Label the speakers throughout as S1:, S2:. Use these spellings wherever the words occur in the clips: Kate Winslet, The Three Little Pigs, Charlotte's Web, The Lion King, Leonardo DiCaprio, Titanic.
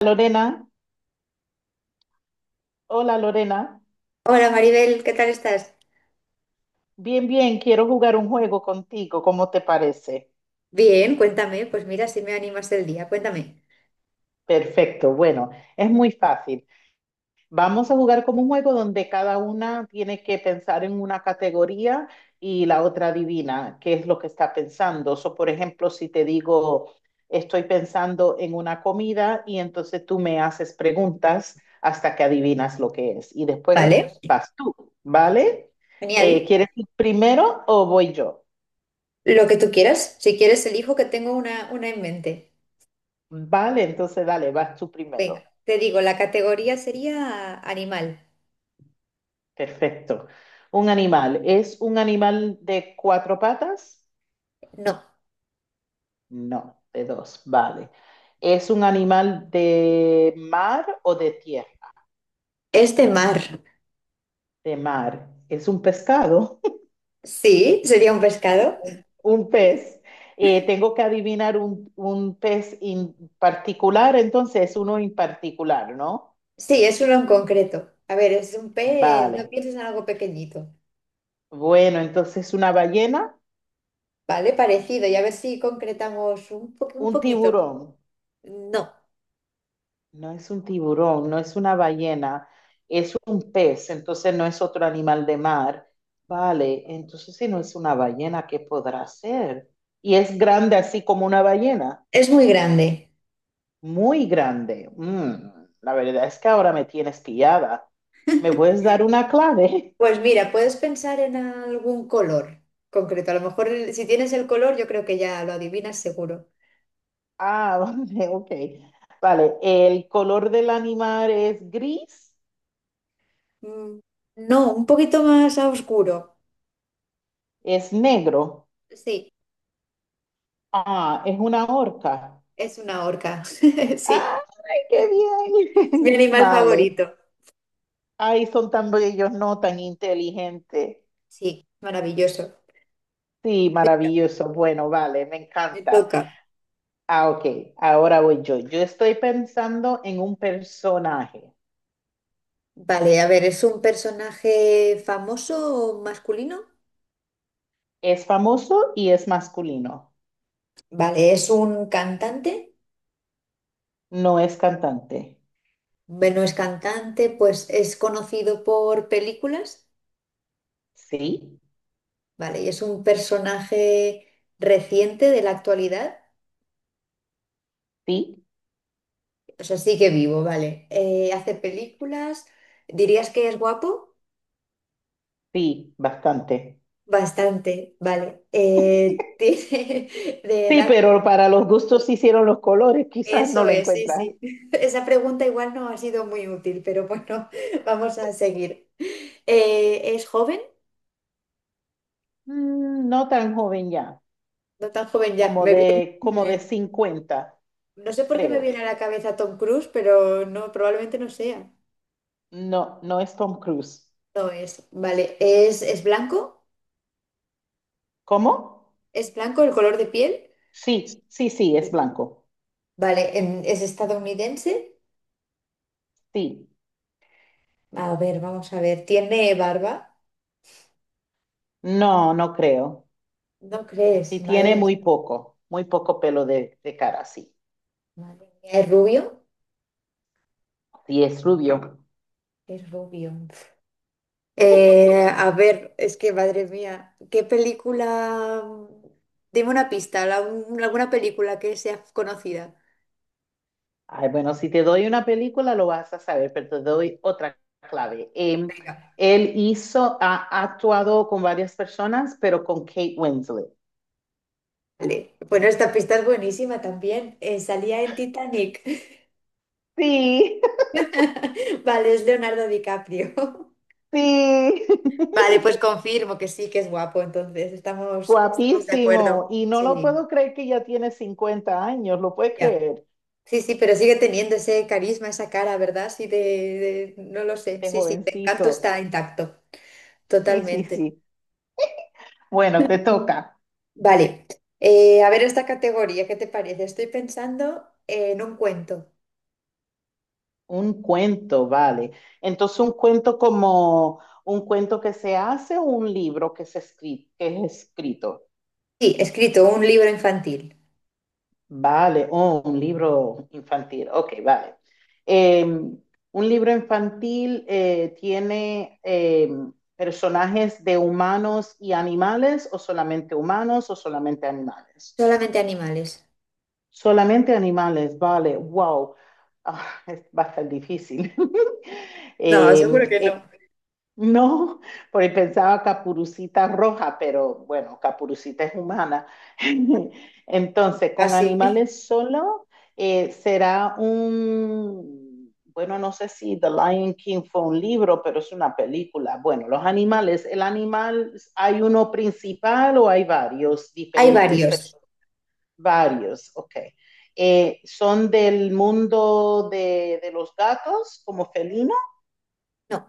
S1: Lorena, hola Lorena,
S2: Hola Maribel, ¿qué tal estás?
S1: bien, bien, quiero jugar un juego contigo, ¿cómo te parece?
S2: Bien, cuéntame, pues mira, si me animas el día, cuéntame.
S1: Perfecto, bueno, es muy fácil. Vamos a jugar como un juego donde cada una tiene que pensar en una categoría y la otra adivina qué es lo que está pensando. So, por ejemplo, si te digo, estoy pensando en una comida y entonces tú me haces preguntas hasta que adivinas lo que es y después
S2: Vale,
S1: vas tú, ¿vale?
S2: genial.
S1: ¿Quieres ir primero o voy yo?
S2: Lo que tú quieras, si quieres elijo que tengo una en mente.
S1: Vale, entonces dale, vas tú
S2: Venga,
S1: primero.
S2: te digo, la categoría sería animal.
S1: Perfecto. Un animal. ¿Es un animal de cuatro patas?
S2: No,
S1: No, de dos. Vale. ¿Es un animal de mar o de tierra?
S2: es de mar.
S1: De mar. ¿Es un pescado?
S2: Sí, sería un pescado.
S1: Un pez. Tengo que adivinar un pez en particular, entonces uno en particular, ¿no?
S2: Sí, es uno en concreto. A ver, es un pez, no
S1: Vale.
S2: pienses en algo pequeñito,
S1: Bueno, entonces una ballena,
S2: ¿vale? Parecido, y a ver si concretamos un
S1: un
S2: poquito.
S1: tiburón.
S2: No,
S1: No es un tiburón, no es una ballena, es un pez, entonces no es otro animal de mar. Vale, entonces si no es una ballena, ¿qué podrá ser? Y es grande así como una ballena,
S2: es muy grande.
S1: muy grande. La verdad es que ahora me tienes pillada. ¿Me puedes dar una clave?
S2: Pues mira, puedes pensar en algún color concreto. A lo mejor si tienes el color, yo creo que ya lo adivinas seguro.
S1: Ah, vale, ok. Vale, el color del animal es gris,
S2: Mm, no, un poquito más a oscuro.
S1: es negro.
S2: Sí,
S1: Ah, es una orca.
S2: es una orca. Sí,
S1: ¡Ay, qué
S2: es mi
S1: bien!
S2: animal
S1: Vale.
S2: favorito.
S1: Ay, son tan bellos, no tan inteligentes.
S2: Sí, maravilloso.
S1: Sí, maravilloso. Bueno, vale, me
S2: Me
S1: encanta.
S2: toca.
S1: Ah, ok, ahora voy yo. Yo estoy pensando en un personaje.
S2: Vale, a ver, ¿es un personaje famoso o masculino?
S1: Es famoso y es masculino.
S2: Vale, ¿es un cantante?
S1: No es cantante.
S2: Bueno, es cantante, pues es conocido por películas.
S1: Sí,
S2: Vale, y es un personaje reciente de la actualidad.
S1: sí,
S2: O sea, sigue vivo, vale. Hace películas. ¿Dirías que es guapo?
S1: sí, bastante.
S2: Bastante, vale. Tiene de
S1: Sí,
S2: edad. Pues,
S1: pero para los gustos se hicieron los colores, quizás no
S2: eso
S1: lo
S2: es, sí,
S1: encuentras.
S2: sí. Esa pregunta igual no ha sido muy útil, pero bueno, vamos a seguir. ¿Es joven?
S1: No tan joven ya,
S2: No tan joven ya.
S1: como como de 50,
S2: No sé por qué me
S1: creo.
S2: viene a la cabeza Tom Cruise, pero no, probablemente no sea.
S1: No, no es Tom Cruise.
S2: No es. Vale. ¿Es blanco?
S1: ¿Cómo?
S2: ¿Es blanco el color de piel?
S1: Sí, sí, sí, es
S2: Sí.
S1: blanco.
S2: Vale, ¿es estadounidense?
S1: Sí.
S2: A ver, vamos a ver. ¿Tiene barba?
S1: No, no creo.
S2: ¿No crees?
S1: Sí, tiene
S2: Madre, mía,
S1: muy poco pelo de cara, sí.
S2: madre mía. ¿Es rubio?
S1: Sí, es rubio.
S2: Es rubio. A ver, es que madre mía, ¿qué película? Dime una pista, alguna película que sea conocida.
S1: Ay, bueno, si te doy una película lo vas a saber, pero te doy otra clave.
S2: Venga.
S1: Él hizo, ha actuado con varias personas, pero con Kate Winslet.
S2: Vale. Bueno, esta pista es buenísima también. Salía en Titanic.
S1: Sí,
S2: Vale, es Leonardo DiCaprio.
S1: sí.
S2: Vale, pues confirmo que sí, que es guapo, entonces estamos, estamos de acuerdo.
S1: Guapísimo. Y no lo
S2: Sí,
S1: puedo creer que ya tiene 50 años, lo puedes
S2: ya.
S1: creer,
S2: Sí, sí, pero sigue teniendo ese carisma, esa cara, ¿verdad? Sí, no lo sé.
S1: de
S2: Sí, sí, el encanto
S1: jovencito.
S2: está intacto,
S1: Sí, sí,
S2: totalmente.
S1: sí. Bueno, te toca.
S2: Vale, a ver esta categoría, ¿qué te parece? Estoy pensando en un cuento.
S1: Un cuento, vale. Entonces, un cuento como un cuento que se hace o un libro que que es escrito.
S2: Sí, escrito, un libro infantil.
S1: Vale, oh, un libro infantil. Ok, vale. Un libro infantil tiene personajes de humanos y animales, o solamente humanos, o solamente animales.
S2: Solamente animales.
S1: Solamente animales, vale. Wow. Va a estar difícil.
S2: No,
S1: Eh,
S2: seguro que no.
S1: No, porque pensaba Capurucita roja, pero bueno, Capurucita es humana. Entonces, con
S2: Casi.
S1: animales solo será un, bueno, no sé si The Lion King fue un libro, pero es una película. Bueno, los animales, el animal, ¿hay uno principal o hay varios
S2: Hay
S1: diferentes
S2: varios.
S1: personas? Varios, ok. ¿Son del mundo de los gatos como felino?
S2: No.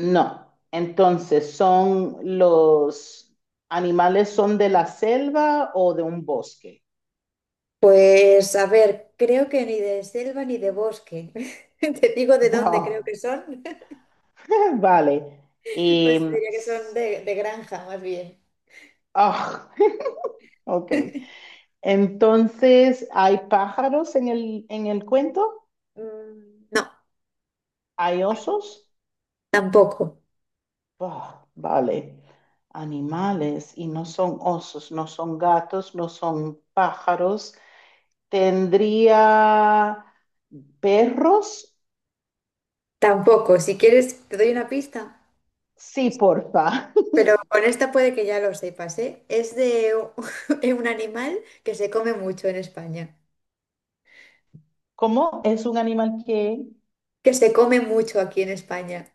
S1: No, entonces son los animales son de la selva o de un bosque.
S2: Pues a ver, creo que ni de selva ni de bosque. Te digo de dónde creo
S1: Wow,
S2: que son.
S1: vale. Y,
S2: Pues diría que son de, granja, más bien.
S1: ah, ok. Entonces, ¿hay pájaros en el cuento?
S2: Mm, no,
S1: ¿Hay osos?
S2: tampoco,
S1: Ah, vale. Animales y no son osos, no son gatos, no son pájaros. ¿Tendría perros?
S2: tampoco. Si quieres, te doy una pista.
S1: Sí, porfa.
S2: Pero con esta puede que ya lo sepas, ¿eh? Es de de un animal que se come mucho en España.
S1: ¿Cómo es un animal que,
S2: Que se come mucho aquí en España.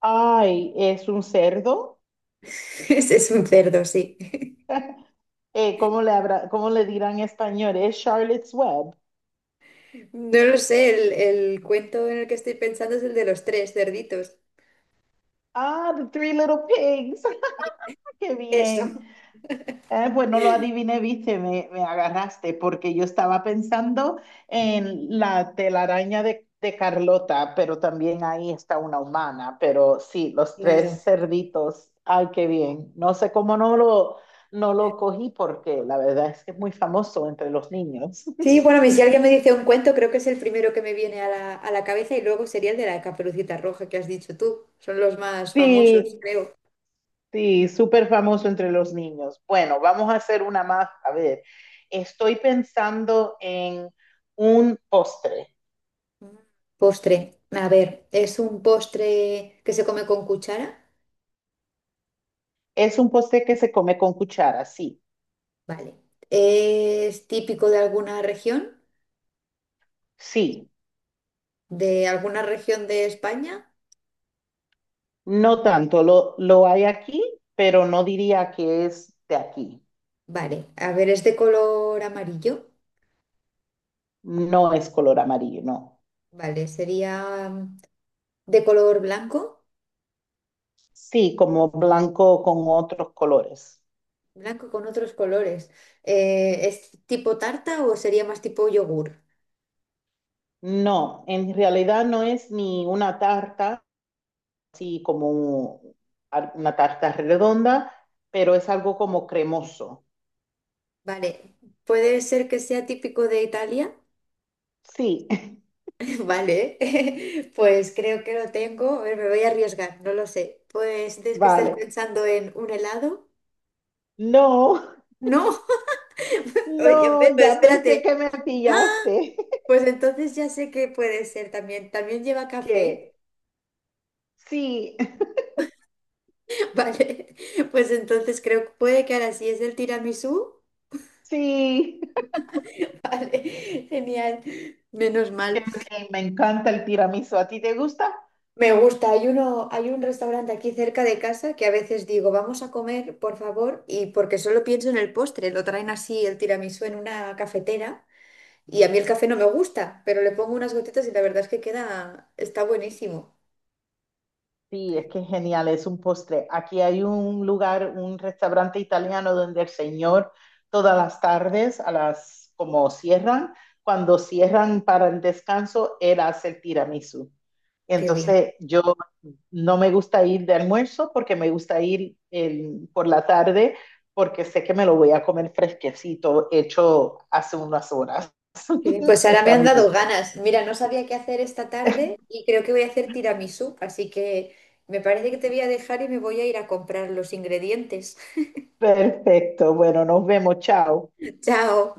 S1: ay, es un cerdo?
S2: Ese es un cerdo, sí.
S1: ¿Cómo le habrá, cómo le dirán en español? Es Charlotte's Web.
S2: No lo sé, el cuento en el que estoy pensando es el de los tres cerditos.
S1: Ah, The Three Little Pigs. Qué
S2: Eso.
S1: bien. Pues no lo adiviné, viste, me agarraste, porque yo estaba pensando en la telaraña de Carlota, pero también ahí está una humana. Pero sí, los
S2: Claro.
S1: 3 cerditos. Ay, qué bien. No sé cómo no lo cogí, porque la verdad es que es muy famoso entre los niños.
S2: Sí, bueno, y si alguien me dice un cuento, creo que es el primero que me viene a la cabeza y luego sería el de la Caperucita Roja que has dicho tú. Son los más famosos,
S1: Sí,
S2: creo.
S1: sí, súper famoso entre los niños. Bueno, vamos a hacer una más. A ver, estoy pensando en un postre.
S2: Mm. Postre. A ver, ¿es un postre que se come con cuchara?
S1: Es un postre que se come con cuchara, sí,
S2: Vale. ¿Es típico de alguna región?
S1: sí,
S2: ¿De alguna región de España?
S1: no tanto. Lo hay aquí, pero no diría que es de aquí.
S2: Vale. A ver, ¿es de color amarillo?
S1: No es color amarillo, no.
S2: Vale, sería mm, de color blanco,
S1: Sí, como blanco con otros colores.
S2: blanco con otros colores. ¿Es tipo tarta o sería más tipo yogur?
S1: No, en realidad no es ni una tarta así como una tarta redonda, pero es algo como cremoso.
S2: Vale, puede ser que sea típico de Italia.
S1: Sí,
S2: Vale, pues creo que lo tengo. A ver, me voy a arriesgar, no lo sé. Pues es que estés
S1: vale.
S2: pensando en un helado.
S1: No,
S2: No, oye,
S1: no,
S2: ve, pero
S1: ya pensé que
S2: espérate.
S1: me
S2: Ah,
S1: pillaste.
S2: pues entonces ya sé que puede ser también. También lleva café.
S1: ¿Qué? Sí,
S2: Vale, pues entonces creo que puede que ahora sí es el tiramisú.
S1: sí.
S2: Vale, genial. Menos
S1: Qué
S2: mal.
S1: bien, me encanta el tiramisú. ¿A ti te gusta?
S2: Me gusta, hay un restaurante aquí cerca de casa que a veces digo, vamos a comer, por favor, y porque solo pienso en el postre, lo traen así el tiramisú en una cafetera y a mí el café no me gusta, pero le pongo unas gotitas y la verdad es que queda, está buenísimo.
S1: Sí, es que es genial, es un postre. Aquí hay un lugar, un restaurante italiano donde el señor todas las tardes, a las como cierran, cuando cierran para el descanso, él hace el tiramisú.
S2: Qué bien.
S1: Entonces, yo no me gusta ir de almuerzo porque me gusta ir por la tarde porque sé que me lo voy a comer fresquecito, hecho hace unas horas.
S2: Qué bien. Pues ahora me
S1: Está
S2: han
S1: muy
S2: dado
S1: rico.
S2: ganas. Mira, no sabía qué hacer esta tarde y creo que voy a hacer tiramisú, así que me parece que te voy a dejar y me voy a ir a comprar los ingredientes.
S1: Perfecto, bueno, nos vemos, chao.
S2: Chao.